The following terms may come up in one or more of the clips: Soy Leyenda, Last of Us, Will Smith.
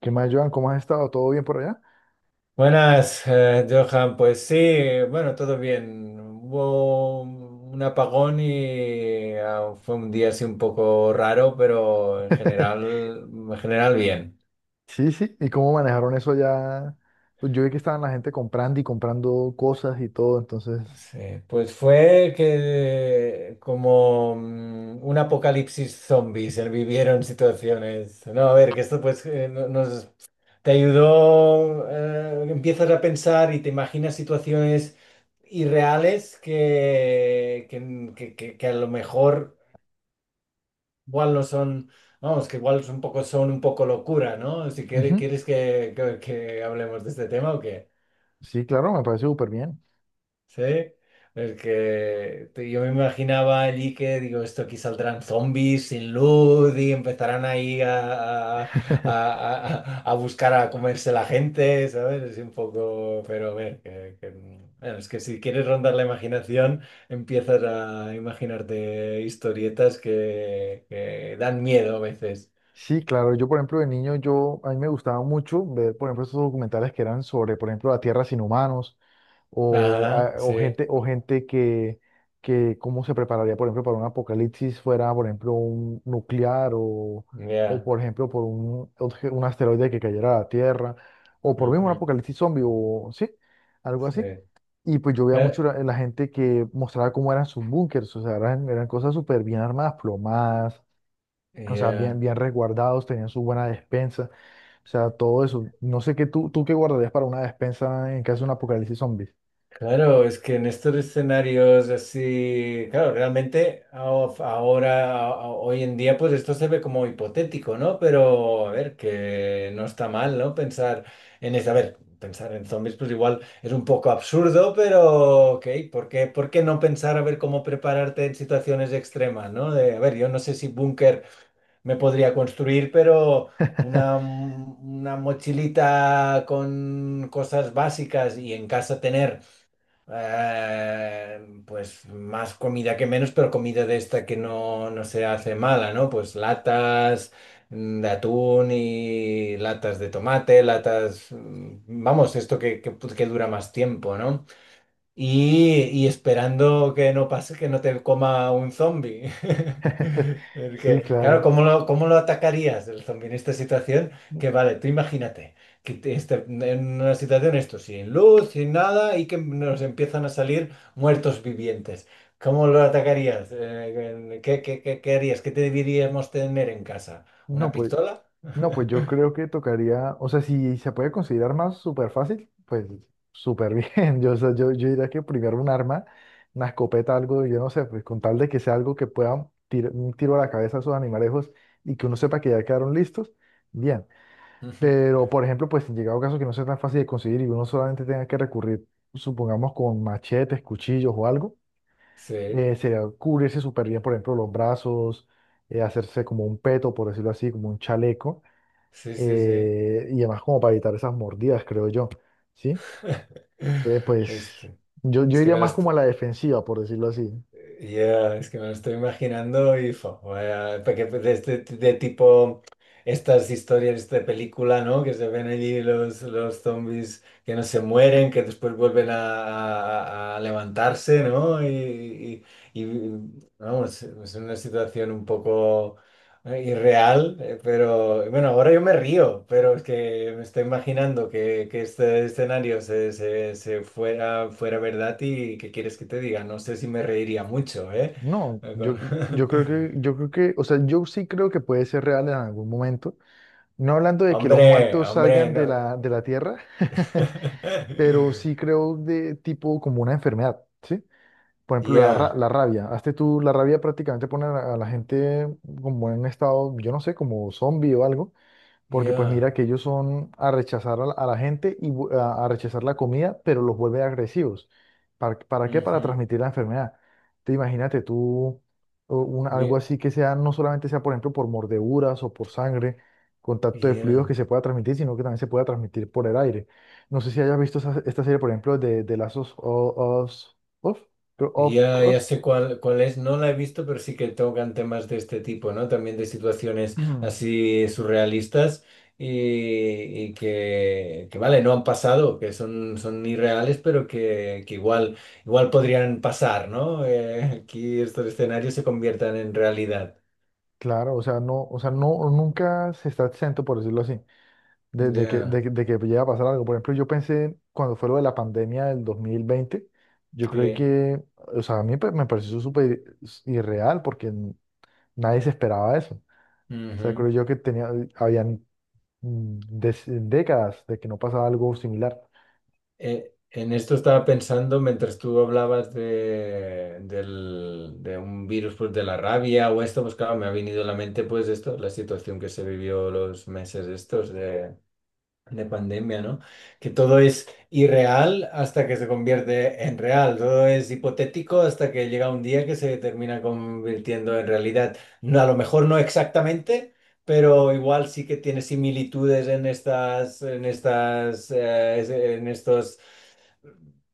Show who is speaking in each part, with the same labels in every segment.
Speaker 1: ¿Qué más, Joan? ¿Cómo has estado? ¿Todo bien por allá?
Speaker 2: Buenas, Johan. Pues sí, bueno, todo bien. Hubo un apagón y fue un día así un poco raro, pero en general, en general bien.
Speaker 1: Sí, sí. ¿Y cómo manejaron eso allá? Pues yo vi que estaban la gente comprando y comprando cosas y todo, entonces...
Speaker 2: Sí, pues fue que como un apocalipsis zombies, se vivieron situaciones. No, a ver, que esto pues no, nos te ayudó. Empiezas a pensar y te imaginas situaciones irreales que a lo mejor igual no son, vamos, que igual son un poco locura, ¿no? Si quieres,
Speaker 1: ujú.
Speaker 2: ¿quieres que hablemos de este tema o qué?
Speaker 1: Sí, claro, me parece súper bien.
Speaker 2: Sí, es que yo me imaginaba allí que, digo, esto aquí saldrán zombies sin luz y empezarán ahí a, a, a- a- a buscar a comerse la gente, ¿sabes? Es un poco, pero a ver, bueno, es que si quieres rondar la imaginación, empiezas a imaginarte historietas que dan miedo a veces.
Speaker 1: Sí, claro. Yo, por ejemplo, de niño, a mí me gustaba mucho ver, por ejemplo, esos documentales que eran sobre, por ejemplo, la Tierra sin humanos o,
Speaker 2: Ajá,
Speaker 1: o
Speaker 2: sí,
Speaker 1: gente, que cómo se prepararía, por ejemplo, para un apocalipsis fuera, por ejemplo, un nuclear o
Speaker 2: ya.
Speaker 1: por ejemplo, por un asteroide que cayera a la Tierra, o por mismo un
Speaker 2: Ujú,
Speaker 1: apocalipsis zombie, o sí, algo
Speaker 2: sí.
Speaker 1: así. Y pues yo veía
Speaker 2: Ya.
Speaker 1: mucho la gente que mostraba cómo eran sus búnkers, o sea, eran cosas súper bien armadas, plomadas, o sea, bien,
Speaker 2: Ya.
Speaker 1: bien resguardados, tenían su buena despensa, o sea, todo eso. No sé qué tú, tú qué guardarías para una despensa en caso de un apocalipsis zombie.
Speaker 2: Claro, es que en estos escenarios así, claro, realmente ahora, hoy en día, pues esto se ve como hipotético, ¿no? Pero a ver, que no está mal, ¿no? Pensar en eso, a ver, pensar en zombies, pues igual es un poco absurdo, pero ok, ¿por qué no pensar a ver cómo prepararte en situaciones extremas? ¿No? De, a ver, yo no sé si búnker me podría construir, pero... una mochilita con cosas básicas y en casa tener pues más comida que menos, pero comida de esta que no se hace mala, ¿no? Pues latas de atún y latas de tomate, latas, vamos, esto que dura más tiempo, ¿no? Y esperando que no pase, que no te coma un zombie.
Speaker 1: Sí,
Speaker 2: Porque, claro,
Speaker 1: claro.
Speaker 2: ¿cómo lo atacarías el zombie en esta situación? Que vale, tú imagínate que en una situación esto, sin luz, sin nada, y que nos empiezan a salir muertos vivientes. ¿Cómo lo atacarías? ¿Qué harías? ¿Qué te deberíamos tener en casa?
Speaker 1: No,
Speaker 2: ¿Una
Speaker 1: pues,
Speaker 2: pistola?
Speaker 1: no, pues yo creo que tocaría, o sea, si se puede considerar más súper fácil, pues súper bien. Yo, o sea, yo diría que primero un arma, una escopeta, algo, yo no sé, pues con tal de que sea algo que pueda tirar un tiro a la cabeza a esos animalejos y que uno sepa que ya quedaron listos, bien.
Speaker 2: Ujú.
Speaker 1: Pero, por ejemplo, pues en llegado caso que no sea tan fácil de conseguir y uno solamente tenga que recurrir, supongamos, con machetes, cuchillos o algo.
Speaker 2: Sí,
Speaker 1: Sería cubrirse súper bien, por ejemplo, los brazos, hacerse como un peto, por decirlo así, como un chaleco,
Speaker 2: sí, sí, sí.
Speaker 1: y además como para evitar esas mordidas, creo yo, ¿sí? Entonces, pues
Speaker 2: Este,
Speaker 1: yo
Speaker 2: es que
Speaker 1: iría
Speaker 2: me lo...
Speaker 1: más
Speaker 2: est-
Speaker 1: como a la defensiva, por decirlo así.
Speaker 2: ya, es que me lo estoy imaginando y fo, vaya, porque de tipo estas historias este de película, ¿no? Que se ven allí los zombies que no se mueren, que después vuelven a levantarse, ¿no? Y, vamos, es una situación un poco... ¿No? Irreal, pero bueno, ahora yo me río, pero es que me estoy imaginando que este escenario se fuera verdad y ¿qué quieres que te diga? No sé si me reiría mucho, ¿eh?
Speaker 1: No, yo, yo creo que, o sea, yo sí creo que puede ser real en algún momento. No hablando de que los
Speaker 2: Hombre,
Speaker 1: muertos
Speaker 2: hombre,
Speaker 1: salgan de
Speaker 2: no.
Speaker 1: de la tierra, pero sí creo de tipo como una enfermedad, ¿sí? Por ejemplo,
Speaker 2: Ya,
Speaker 1: la rabia. Hazte tú, la rabia prácticamente pone a a la gente como en un estado, yo no sé, como zombie o algo. Porque pues mira
Speaker 2: ya.
Speaker 1: que ellos son a rechazar a a la gente y a rechazar la comida, pero los vuelve agresivos. Para qué? Para
Speaker 2: Ujú,
Speaker 1: transmitir la enfermedad. Te imagínate tú o algo
Speaker 2: bien,
Speaker 1: así que sea, no solamente sea, por ejemplo, por mordeduras o por sangre, contacto de fluidos que
Speaker 2: Ya.
Speaker 1: se pueda transmitir, sino que también se pueda transmitir por el aire. No sé si hayas visto esta serie, por ejemplo, de Last of Of, of
Speaker 2: Ya, ya
Speaker 1: Us.
Speaker 2: sé cuál es, no la he visto, pero sí que tocan temas de este tipo, ¿no? También de situaciones así surrealistas y, y vale, no han pasado, que son irreales, pero que igual podrían pasar, ¿no? Aquí estos escenarios se conviertan en realidad.
Speaker 1: Claro, o sea, no, nunca se está exento, por decirlo así. De, de que,
Speaker 2: Ya,
Speaker 1: de, que de que llega a pasar algo. Por ejemplo, yo pensé cuando fue lo de la pandemia del 2020, yo creo
Speaker 2: sí.
Speaker 1: que, o sea, a me pareció súper irreal porque nadie se esperaba eso. O sea,
Speaker 2: Ujú.
Speaker 1: creo yo que tenía, habían décadas de que no pasaba algo similar.
Speaker 2: En esto estaba pensando mientras tú hablabas de, de un virus pues, de la rabia o esto, pues claro, me ha venido a la mente pues esto, la situación que se vivió los meses estos de pandemia, ¿no? Que todo es irreal hasta que se convierte en real, todo es hipotético hasta que llega un día que se termina convirtiendo en realidad. No, a lo mejor no exactamente. Pero igual sí que tiene similitudes en estas, en estos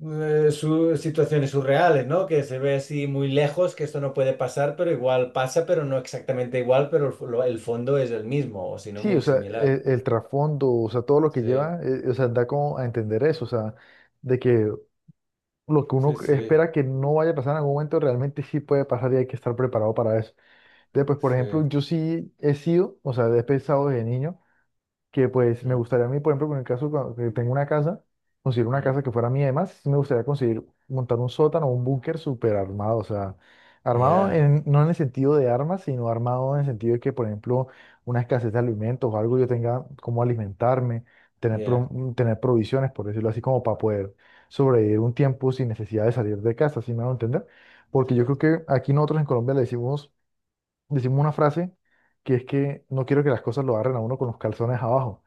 Speaker 2: situaciones surreales, ¿no? Que se ve así muy lejos, que esto no puede pasar, pero igual pasa, pero no exactamente igual, pero el fondo es el mismo, o si no,
Speaker 1: Sí, o
Speaker 2: muy
Speaker 1: sea,
Speaker 2: similar.
Speaker 1: el, trasfondo, o sea, todo lo que
Speaker 2: Sí,
Speaker 1: lleva, o sea, da como a entender eso, o sea, de que lo que uno
Speaker 2: sí, sí,
Speaker 1: espera que no vaya a pasar en algún momento realmente sí puede pasar y hay que estar preparado para eso. Entonces, pues, por ejemplo,
Speaker 2: sí.
Speaker 1: yo sí he sido, o sea, he pensado desde niño que, pues, me
Speaker 2: Mm,
Speaker 1: gustaría a mí, por ejemplo, en el caso que tengo una casa, conseguir una
Speaker 2: mm.
Speaker 1: casa que fuera mía, además, sí me gustaría conseguir montar un sótano o un búnker súper armado, o sea, armado
Speaker 2: Yeah,
Speaker 1: no en el sentido de armas, sino armado en el sentido de que, por ejemplo, una escasez de alimentos o algo yo tenga cómo alimentarme, tener,
Speaker 2: yeah,
Speaker 1: tener provisiones, por decirlo así, como para poder sobrevivir un tiempo sin necesidad de salir de casa, ¿sí me a entender? Porque yo creo
Speaker 2: sí.
Speaker 1: que aquí nosotros en Colombia le decimos una frase que es que no quiero que las cosas lo agarren a uno con los calzones abajo,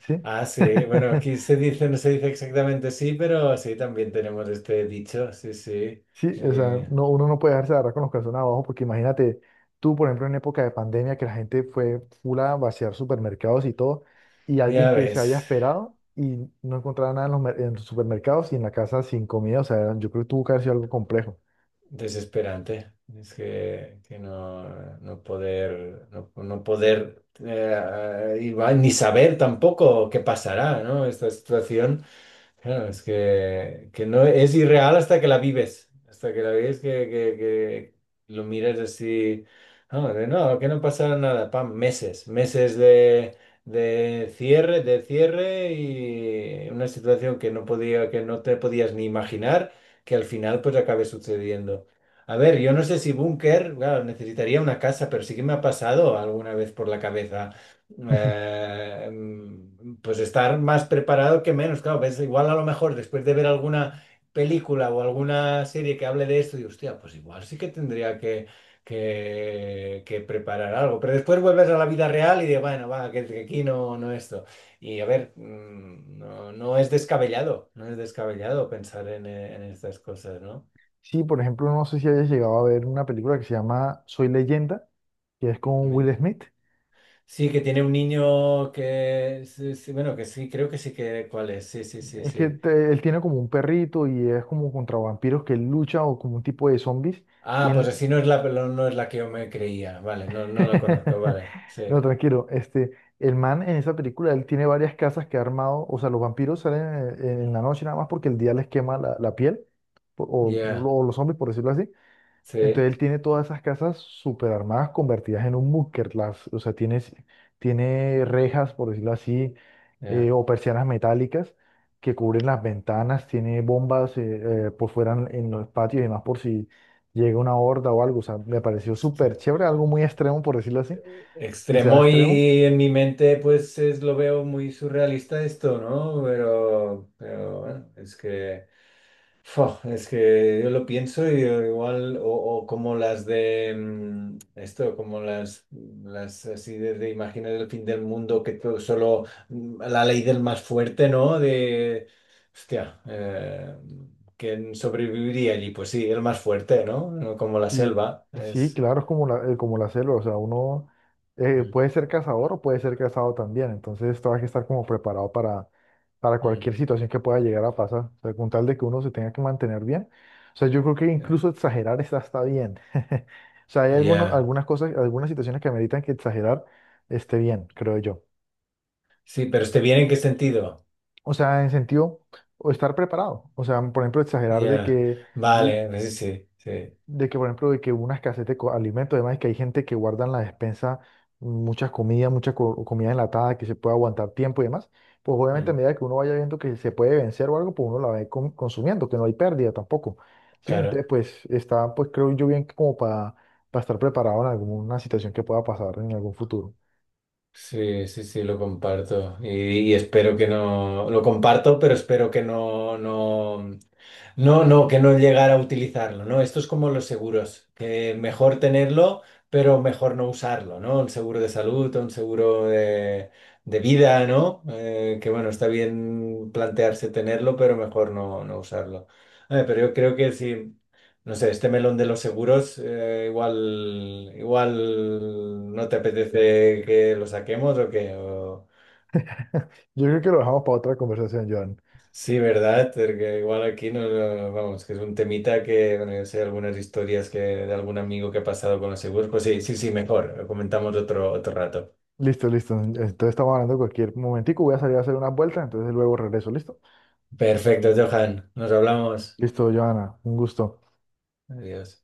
Speaker 1: ¿sí?
Speaker 2: Ah, sí, bueno, aquí se dice, no se dice exactamente sí, pero sí, también tenemos este dicho, sí, sí.
Speaker 1: Sí, o sea,
Speaker 2: Eh,
Speaker 1: no, uno no puede dejarse agarrar con los calzones abajo porque imagínate tú, por ejemplo, en época de pandemia que la gente fue full a vaciar supermercados y todo, y alguien
Speaker 2: ya
Speaker 1: que se haya
Speaker 2: ves.
Speaker 1: esperado y no encontraba nada en en los supermercados y en la casa sin comida, o sea, yo creo que tuvo que haber sido algo complejo.
Speaker 2: Desesperante. Es que no poder, no poder ni saber tampoco qué pasará, ¿no? Esta situación. Claro, es que no es irreal hasta que la vives, que lo miras así, no, de no, que no pasará nada, pam, meses, meses de cierre y una situación que no podía, que no te podías ni imaginar que al final pues acabe sucediendo. A ver, yo no sé si búnker, claro, necesitaría una casa, pero sí que me ha pasado alguna vez por la cabeza eh, pues estar más preparado que menos. Claro, ves, igual a lo mejor después de ver alguna película o alguna serie que hable de esto, y hostia, pues igual sí que tendría que preparar algo. Pero después vuelves a la vida real y de, bueno, va, que aquí no esto. Y a ver, no, no es descabellado pensar en estas cosas, ¿no?
Speaker 1: Sí, por ejemplo, no sé si hayas llegado a ver una película que se llama Soy Leyenda, que es con
Speaker 2: Me-
Speaker 1: Will Smith.
Speaker 2: Sí, que tiene un niño que, sí, sí, bueno, que sí, creo que sí que, ¿cuál es? Sí, sí, sí,
Speaker 1: Es que
Speaker 2: sí.
Speaker 1: él tiene como un perrito y es como contra vampiros que él lucha o como un tipo de zombies.
Speaker 2: Ah, pues
Speaker 1: ¿Quién-
Speaker 2: así no es la que yo me creía. Vale, no la conozco, vale. Sí,
Speaker 1: No, tranquilo. Este, el man en esa película, él tiene varias casas que ha armado. O sea, los vampiros salen en la noche nada más porque el día les quema la piel. po- O,
Speaker 2: ya,
Speaker 1: o los zombies, por decirlo así. Entonces
Speaker 2: sí,
Speaker 1: él tiene todas esas casas super armadas convertidas en un búnker. Las, o sea, tiene, tiene rejas, por decirlo así,
Speaker 2: ya.
Speaker 1: o persianas metálicas que cubren las ventanas. Tiene bombas por fuera en los patios y demás por si llega una horda o algo. O sea, me pareció súper
Speaker 2: Hostia.
Speaker 1: chévere, algo muy extremo, por decirlo así, que sea
Speaker 2: Extremo y,
Speaker 1: extremo.
Speaker 2: y en mi mente pues es, lo veo muy surrealista esto, ¿no? Pero bueno, es que... Fua, es que yo lo pienso y yo igual, o como las de esto, como las así de imágenes del fin del mundo, que todo solo la ley del más fuerte, ¿no? De, hostia, ¿quién sobreviviría allí? Pues sí, el más fuerte, ¿no? No como la
Speaker 1: Sí,
Speaker 2: selva,
Speaker 1: sí,
Speaker 2: es...
Speaker 1: claro, es como la selva, o sea, uno
Speaker 2: Mm,
Speaker 1: puede ser cazador o puede ser cazado también, entonces todo hay que estar como preparado para
Speaker 2: mm.
Speaker 1: cualquier situación que pueda llegar a pasar, o sea, con tal de que uno se tenga que mantener bien, o sea, yo creo que
Speaker 2: Ya.
Speaker 1: incluso exagerar está, está bien, o sea, hay
Speaker 2: Ya.
Speaker 1: algunas cosas, algunas situaciones que ameritan que exagerar esté bien, creo yo,
Speaker 2: Sí, pero ¿esté bien en qué sentido?
Speaker 1: o sea, en sentido, o estar preparado, o sea, por ejemplo, exagerar
Speaker 2: Ya. Vale, sí, sí, sí.
Speaker 1: de que, por ejemplo, de que hubo una escasez de alimentos, además, que hay gente que guarda en la despensa muchas comidas, comida enlatada que se puede aguantar tiempo y demás, pues obviamente a
Speaker 2: Mm,
Speaker 1: medida que uno vaya viendo que se puede vencer o algo, pues uno la va a ir consumiendo, que no hay pérdida tampoco. ¿Sí?
Speaker 2: claro.
Speaker 1: Entonces, pues está, pues creo yo bien que como para estar preparado en alguna situación que pueda pasar en algún futuro.
Speaker 2: Sí, sí, sí, lo comparto. Y espero que no. Lo comparto, pero espero que no, no. No, no, que no llegara a utilizarlo, ¿no? Esto es como los seguros, que mejor tenerlo, pero mejor no usarlo, ¿no? Un seguro de salud, un seguro de vida, ¿no? Que bueno, está bien plantearse tenerlo, pero mejor no usarlo. A pero yo creo que sí. No sé, este melón de los seguros, igual no te apetece que lo saquemos o que...
Speaker 1: Yo creo que lo dejamos para otra conversación, Joan.
Speaker 2: Sí, ¿verdad? Porque igual aquí vamos, que es un temita que, bueno, yo sé algunas historias que de algún amigo que ha pasado con los seguros. Pues sí, sí, sí, mejor. Lo comentamos otro rato.
Speaker 1: Listo, listo. Entonces estamos hablando en cualquier momentico. Voy a salir a hacer una vuelta, entonces luego regreso. ¿Listo?
Speaker 2: Perfecto, Johan. Nos hablamos.
Speaker 1: Listo, Joana. Un gusto.
Speaker 2: Adiós.